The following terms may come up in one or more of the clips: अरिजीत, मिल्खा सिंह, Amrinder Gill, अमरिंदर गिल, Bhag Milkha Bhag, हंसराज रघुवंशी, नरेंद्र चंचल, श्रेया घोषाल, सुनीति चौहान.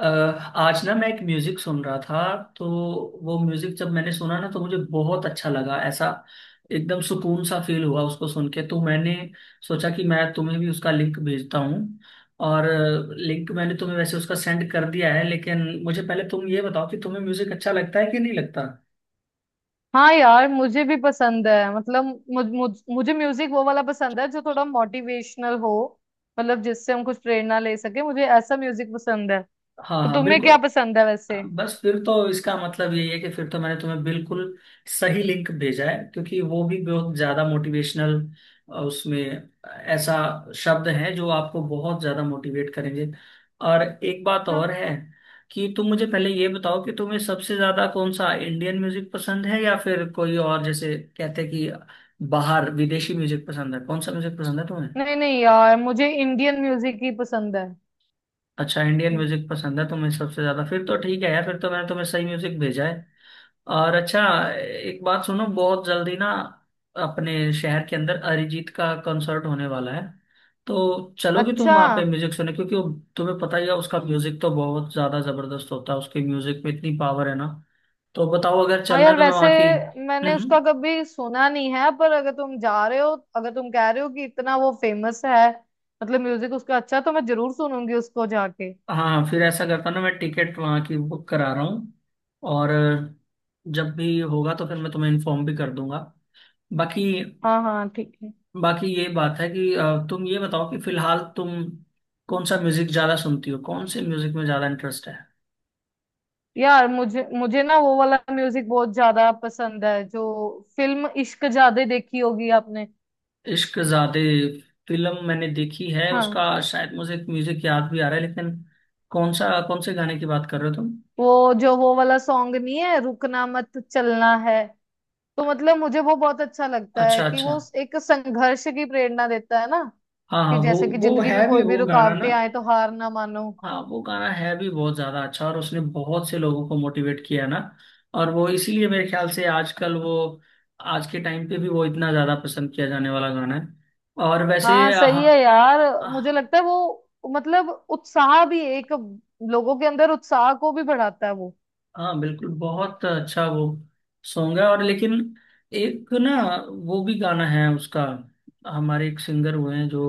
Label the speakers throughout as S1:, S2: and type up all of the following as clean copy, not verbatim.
S1: अ, आज ना मैं एक म्यूजिक सुन रहा था तो वो म्यूजिक जब मैंने सुना ना तो मुझे बहुत अच्छा लगा, ऐसा एकदम सुकून सा फील हुआ उसको सुन के। तो मैंने सोचा कि मैं तुम्हें भी उसका लिंक भेजता हूँ, और लिंक मैंने तुम्हें वैसे उसका सेंड कर दिया है। लेकिन मुझे पहले तुम ये बताओ कि तुम्हें म्यूजिक अच्छा लगता है कि नहीं लगता।
S2: हाँ यार, मुझे भी पसंद है। मतलब मुझ, मुझ, मुझे म्यूजिक वो वाला पसंद है जो थोड़ा मोटिवेशनल हो। मतलब जिससे हम कुछ प्रेरणा ले सके, मुझे ऐसा म्यूजिक पसंद है।
S1: हाँ
S2: तो
S1: हाँ,
S2: तुम्हें
S1: बिल्कुल।
S2: क्या पसंद है वैसे?
S1: बस फिर तो इसका मतलब यही है कि फिर तो मैंने तुम्हें बिल्कुल सही लिंक भेजा है, क्योंकि वो भी बहुत ज्यादा मोटिवेशनल, उसमें ऐसा शब्द है जो आपको बहुत ज्यादा मोटिवेट करेंगे। और एक बात
S2: हाँ।
S1: और है कि तुम मुझे पहले ये बताओ कि तुम्हें सबसे ज्यादा कौन सा इंडियन म्यूजिक पसंद है या फिर कोई और, जैसे कहते हैं कि बाहर विदेशी म्यूजिक पसंद है, कौन सा म्यूजिक पसंद है तुम्हें।
S2: नहीं नहीं यार, मुझे इंडियन म्यूजिक ही पसंद है।
S1: अच्छा, इंडियन
S2: हम्म।
S1: म्यूजिक पसंद है तुम्हें सबसे ज्यादा, फिर तो ठीक है यार, फिर तो मैंने तुम्हें सही म्यूजिक भेजा है। और अच्छा, एक बात सुनो, बहुत जल्दी ना अपने शहर के अंदर अरिजीत का कॉन्सर्ट होने वाला है। तो चलोगे तुम
S2: अच्छा।
S1: वहां पे म्यूजिक सुनने, क्योंकि तुम्हें पता ही है उसका म्यूजिक तो बहुत ज्यादा जबरदस्त होता है, उसके म्यूजिक में इतनी पावर है ना। तो बताओ, अगर
S2: हाँ
S1: चलना है
S2: यार,
S1: तो मैं
S2: वैसे
S1: वहां की
S2: मैंने
S1: हम्म हम्म।
S2: उसका कभी सुना नहीं है, पर अगर तुम जा रहे हो, अगर तुम कह रहे हो कि इतना वो फेमस है, मतलब म्यूजिक उसका अच्छा, तो मैं जरूर सुनूंगी उसको जाके।
S1: हाँ फिर ऐसा करता हूँ ना, मैं टिकट वहाँ की बुक करा रहा हूँ, और जब भी होगा तो फिर मैं तुम्हें इन्फॉर्म भी कर दूंगा। बाकी,
S2: हाँ हाँ ठीक है।
S1: ये बात है कि तुम ये बताओ कि फिलहाल तुम कौन सा म्यूजिक ज्यादा सुनती हो, कौन से म्यूजिक में ज्यादा इंटरेस्ट है।
S2: यार मुझे मुझे ना वो वाला म्यूजिक बहुत ज्यादा पसंद है जो। फिल्म इश्क जादे देखी होगी आपने?
S1: इश्क ज़ादे फिल्म मैंने देखी है, उसका
S2: हाँ।
S1: शायद मुझे म्यूजिक याद भी आ रहा है, लेकिन कौन सा, कौन से गाने की बात कर रहे हो तुम।
S2: वो जो वो वाला सॉन्ग नहीं है, रुकना मत चलना है। तो मतलब मुझे वो बहुत अच्छा लगता है
S1: अच्छा
S2: कि
S1: अच्छा।
S2: वो एक संघर्ष की प्रेरणा देता है ना।
S1: हाँ हाँ,
S2: कि
S1: वो
S2: जैसे कि
S1: वो
S2: जिंदगी में
S1: है भी
S2: कोई भी
S1: वो गाना ना।
S2: रुकावटें आए तो हार ना मानो।
S1: हाँ, वो गाना है भी बहुत ज्यादा अच्छा और उसने बहुत से लोगों को मोटिवेट किया है ना। और वो इसीलिए मेरे ख्याल से आजकल वो, आज के टाइम पे भी वो इतना ज्यादा पसंद किया जाने वाला गाना है। और
S2: हाँ
S1: वैसे, हाँ
S2: सही है
S1: हाँ।
S2: यार, मुझे
S1: अ,
S2: लगता है वो मतलब उत्साह भी एक, लोगों के अंदर उत्साह को भी बढ़ाता है वो।
S1: हाँ, बिल्कुल, बहुत अच्छा वो सॉन्ग है, और लेकिन एक ना वो भी गाना है उसका। हमारे एक सिंगर हुए हैं जो,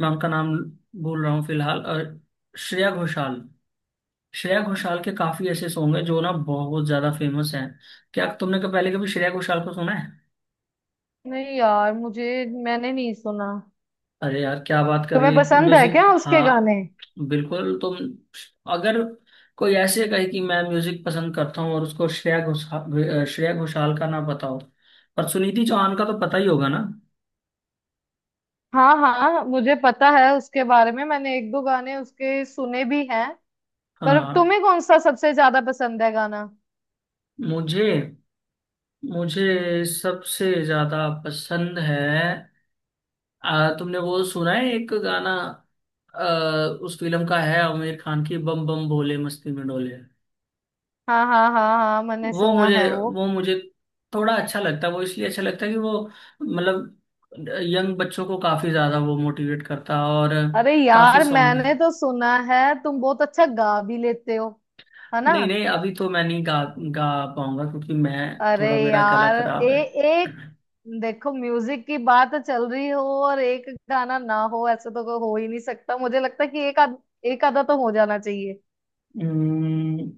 S1: मैं उनका नाम भूल रहा हूँ फिलहाल, अ, श्रेया घोषाल। श्रेया घोषाल के काफी ऐसे सॉन्ग हैं जो ना बहुत ज्यादा फेमस हैं। क्या तुमने कभी पहले, कभी श्रेया घोषाल को सुना है।
S2: नहीं यार, मुझे मैंने नहीं सुना।
S1: अरे यार, क्या बात कर
S2: तुम्हें
S1: रही हो,
S2: पसंद है
S1: म्यूजिक,
S2: क्या उसके
S1: हाँ।
S2: गाने?
S1: बिल्कुल, तुम अगर कोई ऐसे कहे कि मैं म्यूजिक पसंद करता हूँ और उसको श्रेया घोषाल का ना पता हो। पर सुनीति चौहान का तो पता ही होगा ना।
S2: हाँ हाँ, मुझे पता है उसके बारे में, मैंने एक दो गाने उसके सुने भी हैं। पर
S1: हाँ,
S2: तुम्हें कौन सा सबसे ज्यादा पसंद है गाना?
S1: मुझे मुझे सबसे ज्यादा पसंद है। तुमने वो सुना है एक गाना, आ, उस फिल्म का है, आमिर खान की, बम बम भोले मस्ती में डोले।
S2: हाँ हाँ हाँ हाँ, मैंने
S1: वो
S2: सुना
S1: मुझे
S2: है वो।
S1: वो मुझे थोड़ा अच्छा लगता है, वो इसलिए अच्छा लगता है कि वो, मतलब यंग बच्चों को काफी ज्यादा वो मोटिवेट करता है, और
S2: अरे
S1: काफी
S2: यार,
S1: सॉन्ग।
S2: मैंने तो सुना है तुम बहुत अच्छा गा भी लेते हो, है ना?
S1: नहीं नहीं, अभी तो मैं नहीं गा गा पाऊंगा क्योंकि मैं,
S2: अरे
S1: थोड़ा मेरा गला
S2: यार, ए,
S1: खराब है।
S2: एक, देखो म्यूजिक की बात चल रही हो और एक गाना ना हो ऐसे तो कोई हो ही नहीं सकता। मुझे लगता है कि एक आध, एक आधा तो हो जाना चाहिए।
S1: हम्म,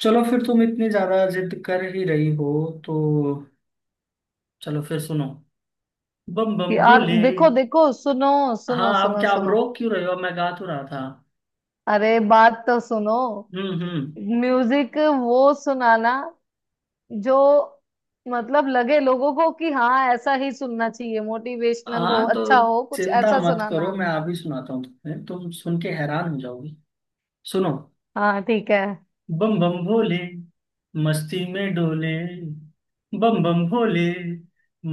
S1: चलो फिर, तुम इतनी ज्यादा जिद कर ही रही हो तो चलो फिर सुनो, बम बम
S2: यार
S1: भोले।
S2: देखो देखो, सुनो
S1: हाँ,
S2: सुनो
S1: आप
S2: सुनो
S1: क्या, आप
S2: सुनो।
S1: रोक क्यों रहे हो, मैं गा तो रहा था।
S2: अरे बात तो सुनो।
S1: हम्म।
S2: म्यूजिक वो सुनाना जो, मतलब लगे लोगों को कि हाँ ऐसा ही सुनना चाहिए। मोटिवेशनल हो,
S1: हाँ
S2: अच्छा
S1: तो
S2: हो, कुछ
S1: चिंता
S2: ऐसा
S1: मत
S2: सुनाना।
S1: करो, मैं अभी सुनाता हूँ तुम्हें, तुम सुन के हैरान हो जाओगी। सुनो,
S2: हाँ ठीक है।
S1: बम बम भोले, मस्ती में डोले, बम बम भोले,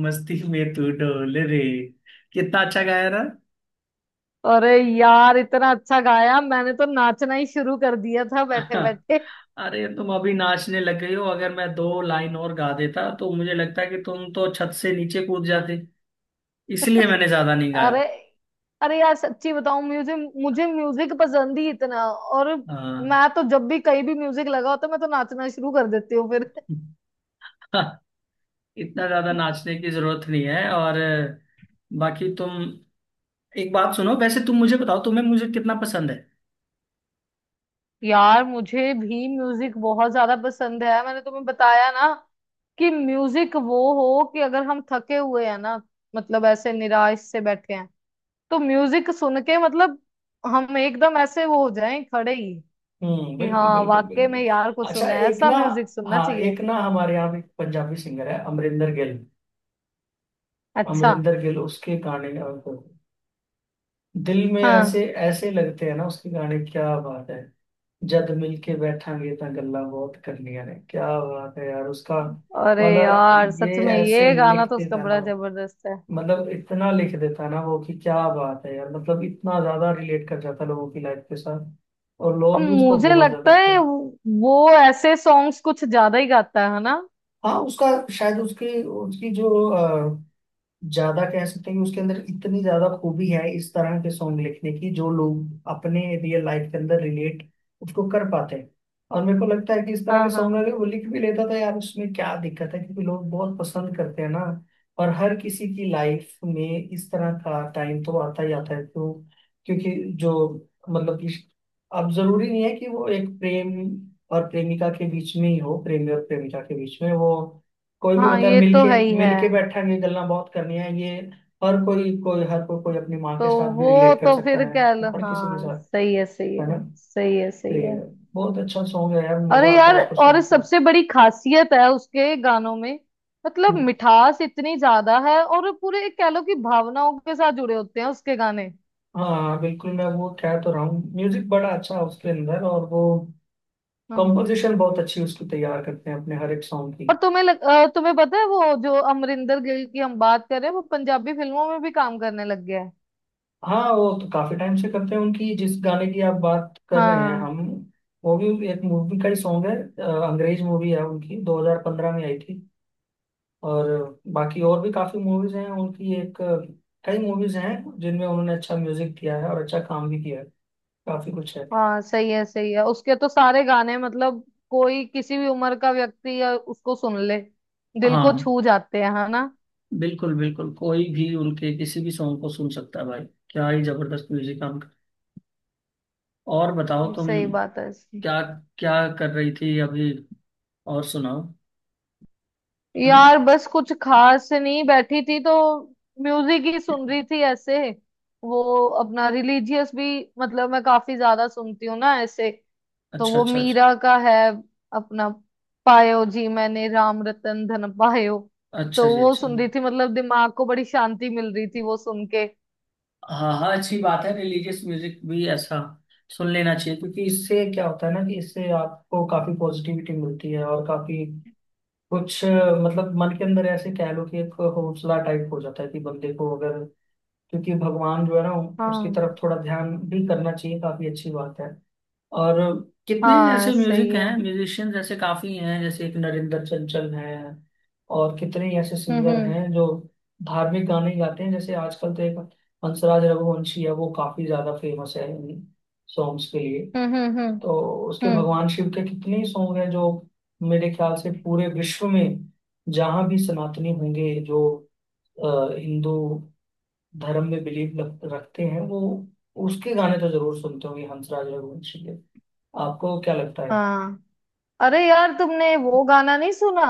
S1: मस्ती में तू डोल रे। कितना अच्छा गाया ना।
S2: अरे यार, इतना अच्छा गाया, मैंने तो नाचना ही शुरू कर दिया था बैठे बैठे।
S1: अरे, तुम अभी नाचने लग गई हो, अगर मैं दो लाइन और गा देता तो मुझे लगता है कि तुम तो छत से नीचे कूद जाते, इसलिए मैंने ज्यादा नहीं गाया।
S2: अरे, अरे यार सच्ची बताऊं, म्यूजिक, मुझे म्यूजिक पसंद ही इतना, और
S1: हाँ।
S2: मैं तो जब भी कहीं भी म्यूजिक लगा होता है, मैं तो नाचना शुरू कर देती हूँ फिर।
S1: इतना ज्यादा नाचने की जरूरत नहीं है। और बाकी तुम, एक बात सुनो, वैसे तुम मुझे बताओ तुम्हें म्यूजिक कितना पसंद है।
S2: यार मुझे भी म्यूजिक बहुत ज्यादा पसंद है, मैंने तुम्हें बताया ना। कि म्यूजिक वो हो कि अगर हम थके हुए हैं ना, मतलब ऐसे निराश से बैठे हैं, तो म्यूजिक सुन के मतलब हम एकदम ऐसे वो हो जाएं खड़े ही।
S1: हम्म,
S2: कि
S1: बिल्कुल
S2: हाँ
S1: बिल्कुल
S2: वाकई में यार,
S1: बिल्कुल।
S2: कुछ
S1: अच्छा,
S2: सुना है,
S1: एक
S2: ऐसा
S1: ना,
S2: म्यूजिक सुनना
S1: हाँ,
S2: चाहिए।
S1: एक ना हमारे यहाँ एक पंजाबी सिंगर है, अमरिंदर गिल।
S2: अच्छा।
S1: अमरिंदर गिल, उसके गाने, दिल में
S2: हाँ।
S1: ऐसे ऐसे लगते हैं ना, उसके गाने, क्या बात है। जद मिल के बैठांगे ता गल्ला बहुत करनिया ने, क्या बात है यार उसका।
S2: अरे
S1: मतलब
S2: यार सच
S1: ये
S2: में,
S1: ऐसे
S2: ये गाना
S1: लिख
S2: तो उसका
S1: देता ना,
S2: बड़ा जबरदस्त है।
S1: मतलब इतना लिख देता है ना वो कि क्या बात है यार, मतलब इतना ज्यादा रिलेट कर जाता है लोगों की लाइफ के साथ, और
S2: और
S1: लोग भी उसको
S2: मुझे
S1: बहुत ज्यादा
S2: लगता है
S1: पसंद।
S2: वो ऐसे सॉन्ग्स कुछ ज्यादा ही गाता है ना?
S1: हाँ, उसका शायद, उसकी उसकी जो, ज्यादा कह सकते हैं कि उसके अंदर इतनी ज्यादा खूबी है इस तरह के सॉन्ग लिखने की, जो लोग अपने रियल लाइफ के अंदर रिलेट उसको कर पाते हैं। और मेरे को लगता है कि इस तरह के
S2: हाँ
S1: सॉन्ग
S2: हाँ।
S1: अगर वो लिख भी लेता था यार, उसमें क्या दिक्कत है, क्योंकि लोग बहुत पसंद करते हैं ना। और हर किसी की लाइफ में इस तरह का टाइम तो आता ही आता है। क्यों, क्योंकि जो, मतलब कि अब जरूरी नहीं है कि वो एक प्रेम और प्रेमिका के बीच में ही हो, प्रेमी और प्रेमिका के बीच में वो, कोई भी
S2: हाँ,
S1: होता है
S2: ये तो
S1: मिलके।
S2: है ही है।
S1: मिलके बैठा के गल्ला बहुत करनी है ये। हर कोई कोई अपनी माँ
S2: तो
S1: के साथ भी
S2: वो
S1: रिलेट कर
S2: तो
S1: सकता
S2: फिर
S1: है,
S2: कह
S1: तो
S2: लो,
S1: हर किसी के
S2: हाँ
S1: साथ,
S2: सही है सही है
S1: है ना।
S2: सही है
S1: तो
S2: सही
S1: ये
S2: है।
S1: बहुत अच्छा सॉन्ग है यार,
S2: अरे
S1: मजा आता है
S2: यार,
S1: उसको
S2: और
S1: सुन के।
S2: सबसे बड़ी खासियत है उसके गानों में, मतलब
S1: हम्म,
S2: मिठास इतनी ज्यादा है, और पूरे कह लो कि भावनाओं के साथ जुड़े होते हैं उसके गाने।
S1: हाँ बिल्कुल, मैं वो कह तो रहा हूँ, म्यूजिक बड़ा अच्छा है उसके अंदर, और वो
S2: हाँ।
S1: कंपोजिशन बहुत अच्छी उसकी तैयार करते हैं अपने हर एक सॉन्ग की।
S2: और तुम्हें पता है वो जो अमरिंदर गिल की हम बात कर रहे हैं, वो पंजाबी फिल्मों में भी काम करने लग गया है।
S1: हाँ वो तो काफी टाइम से करते हैं, उनकी जिस गाने की आप बात कर रहे हैं
S2: हाँ।
S1: हम, वो भी एक मूवी का ही सॉन्ग है। अंग्रेज मूवी है उनकी, 2015 में आई थी। और बाकी और भी काफी मूवीज हैं उनकी, एक, कई मूवीज हैं जिनमें उन्होंने अच्छा म्यूजिक दिया है और अच्छा काम भी किया है, काफी कुछ है।
S2: हाँ सही है सही है, उसके तो सारे गाने मतलब, कोई किसी भी उम्र का व्यक्ति या उसको सुन ले, दिल को
S1: हाँ
S2: छू जाते हैं, है ना?
S1: बिल्कुल बिल्कुल, कोई भी उनके किसी भी सॉन्ग को सुन सकता है भाई, क्या ही जबरदस्त म्यूजिक काम कर। और बताओ तुम,
S2: सही बात है इसकी।
S1: क्या क्या कर रही थी अभी, और सुनाओ। हम्म।
S2: यार बस कुछ खास नहीं, बैठी थी तो म्यूजिक ही सुन रही थी ऐसे। वो अपना रिलीजियस भी, मतलब मैं काफी ज्यादा सुनती हूँ ना ऐसे। तो
S1: अच्छा
S2: वो
S1: अच्छा अच्छा।
S2: मीरा का है अपना, पायो जी मैंने राम रतन धन पायो।
S1: अच्छा
S2: तो
S1: जी,
S2: वो
S1: अच्छा।
S2: सुन रही थी, मतलब दिमाग को बड़ी शांति मिल रही थी वो सुन के।
S1: हाँ हाँ, अच्छी बात है, रिलीजियस म्यूजिक भी ऐसा सुन लेना चाहिए, क्योंकि, इससे क्या होता है ना, कि इससे आपको काफी पॉजिटिविटी मिलती है और काफी कुछ, मतलब मन के अंदर ऐसे कह लो कि एक हौसला टाइप हो जाता है, कि बंदे को अगर, क्योंकि भगवान जो है ना, उसकी
S2: हाँ
S1: तरफ थोड़ा ध्यान भी करना चाहिए, काफी अच्छी बात है। और कितने
S2: हाँ
S1: ऐसे
S2: सही
S1: म्यूजिक
S2: है।
S1: हैं, म्यूजिशियन ऐसे काफी हैं, जैसे एक नरेंद्र चंचल हैं। और कितने ही ऐसे
S2: हम्म
S1: सिंगर
S2: हम्म
S1: हैं जो धार्मिक गाने गाते हैं, जैसे आजकल तो एक हंसराज रघुवंशी है, वो काफी ज्यादा फेमस है इन सॉन्ग्स के लिए।
S2: हम्म हम्म हम्म
S1: तो उसके
S2: हम्म।
S1: भगवान शिव के कितने ही सॉन्ग हैं जो मेरे ख्याल से पूरे विश्व में, जहाँ भी सनातनी होंगे, जो हिंदू धर्म में बिलीव रखते हैं, वो उसके गाने तो जरूर सुनते होंगे, हंसराज रघुवंशी के। आपको क्या लगता है।
S2: हाँ। अरे यार, तुमने वो गाना नहीं सुना,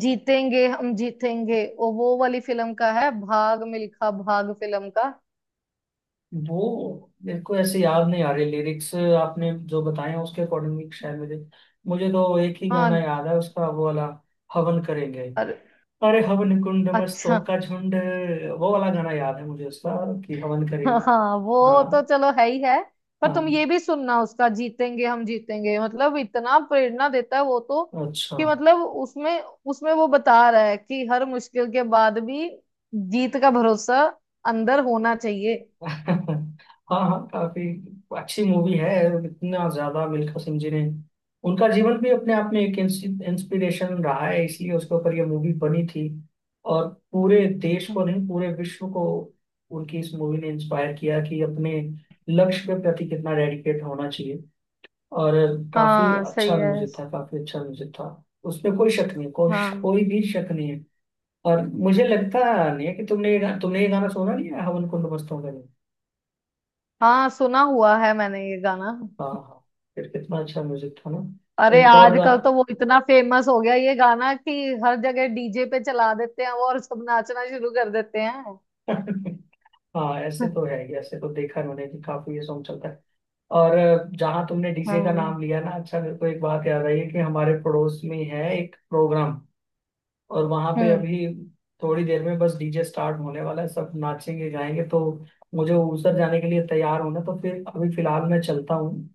S2: जीतेंगे हम जीतेंगे, वो वाली फिल्म का है, भाग मिल्खा भाग फिल्म का।
S1: वो मेरे को ऐसे याद नहीं आ रहे, लिरिक्स आपने जो बताए हैं उसके अकॉर्डिंग, शायद मुझे मुझे तो एक ही
S2: हाँ।
S1: गाना याद है उसका, वो वाला, हवन करेंगे।
S2: अरे
S1: अरे, हवन कुंड मस्तों
S2: अच्छा।
S1: का झुंड, वो वाला गाना याद है मुझे उसका, कि हवन करेंगे।
S2: हाँ वो तो
S1: हाँ
S2: चलो है ही है। पर तुम
S1: हाँ,
S2: ये भी सुनना उसका, जीतेंगे हम जीतेंगे, मतलब इतना प्रेरणा देता है वो तो।
S1: अच्छा।
S2: कि मतलब उसमें उसमें वो बता रहा है कि हर मुश्किल के बाद भी, जीत का भरोसा अंदर होना चाहिए।
S1: हाँ हाँ, काफी अच्छी मूवी है। इतना ज्यादा मिल्खा सिंह जी ने, उनका जीवन भी अपने आप में एक इंस्पिरेशन रहा है, इसलिए उसके ऊपर ये मूवी बनी थी, और पूरे देश को
S2: हम्म।
S1: नहीं, पूरे विश्व को उनकी इस मूवी ने इंस्पायर किया कि अपने लक्ष्य के प्रति कितना डेडिकेट होना चाहिए। और काफी
S2: हाँ सही
S1: अच्छा
S2: है।
S1: म्यूजिक था, काफी अच्छा म्यूजिक था, उसमें कोई शक नहीं, कोई
S2: हाँ
S1: कोई भी शक नहीं है। और मुझे लगता नहीं है कि तुमने ये गाना सुना नहीं है, हवन कुंड मस्तों का, नहीं।
S2: हाँ, सुना हुआ है मैंने ये गाना।
S1: हाँ हाँ, फिर कितना अच्छा म्यूजिक था ना।
S2: अरे
S1: एक और गा।
S2: आजकल तो वो इतना फेमस हो गया ये गाना कि, हर जगह डीजे पे चला देते हैं वो और सब नाचना शुरू कर देते हैं।
S1: हाँ, ऐसे तो है ही, ऐसे तो देखा है मैंने कि काफी ये सॉन्ग चलता है। और जहाँ तुमने डीजे का
S2: हाँ।
S1: नाम लिया ना, अच्छा मेरे को एक बात याद आई है, कि हमारे पड़ोस में है एक प्रोग्राम, और वहां पे
S2: हम्म।
S1: अभी थोड़ी देर में बस डीजे स्टार्ट होने वाला है, सब नाचेंगे गाएंगे, तो मुझे ऊसर जाने के लिए तैयार होना, तो फिर अभी फिलहाल मैं चलता हूँ।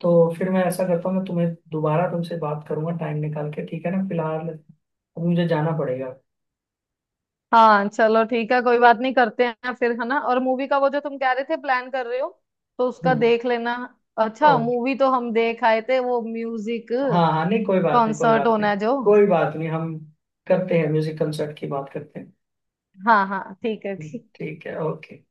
S1: तो फिर मैं ऐसा करता हूँ, मैं तुम्हें दोबारा तुमसे बात करूंगा टाइम निकाल के, ठीक है ना, फिलहाल अब मुझे जाना पड़ेगा।
S2: हाँ चलो ठीक है, कोई बात नहीं, करते हैं फिर, है ना? और मूवी का वो जो तुम कह रहे थे प्लान कर रहे हो, तो उसका
S1: हम्म।
S2: देख लेना। अच्छा
S1: और
S2: मूवी तो हम देख आए थे, वो म्यूजिक
S1: हाँ हाँ, नहीं, कोई बात नहीं, कोई
S2: कॉन्सर्ट
S1: बात नहीं,
S2: होना है जो।
S1: कोई बात नहीं, हम करते हैं म्यूजिक कंसर्ट की बात करते हैं।
S2: हाँ हाँ ठीक है, ठीक।
S1: ठीक है, ओके।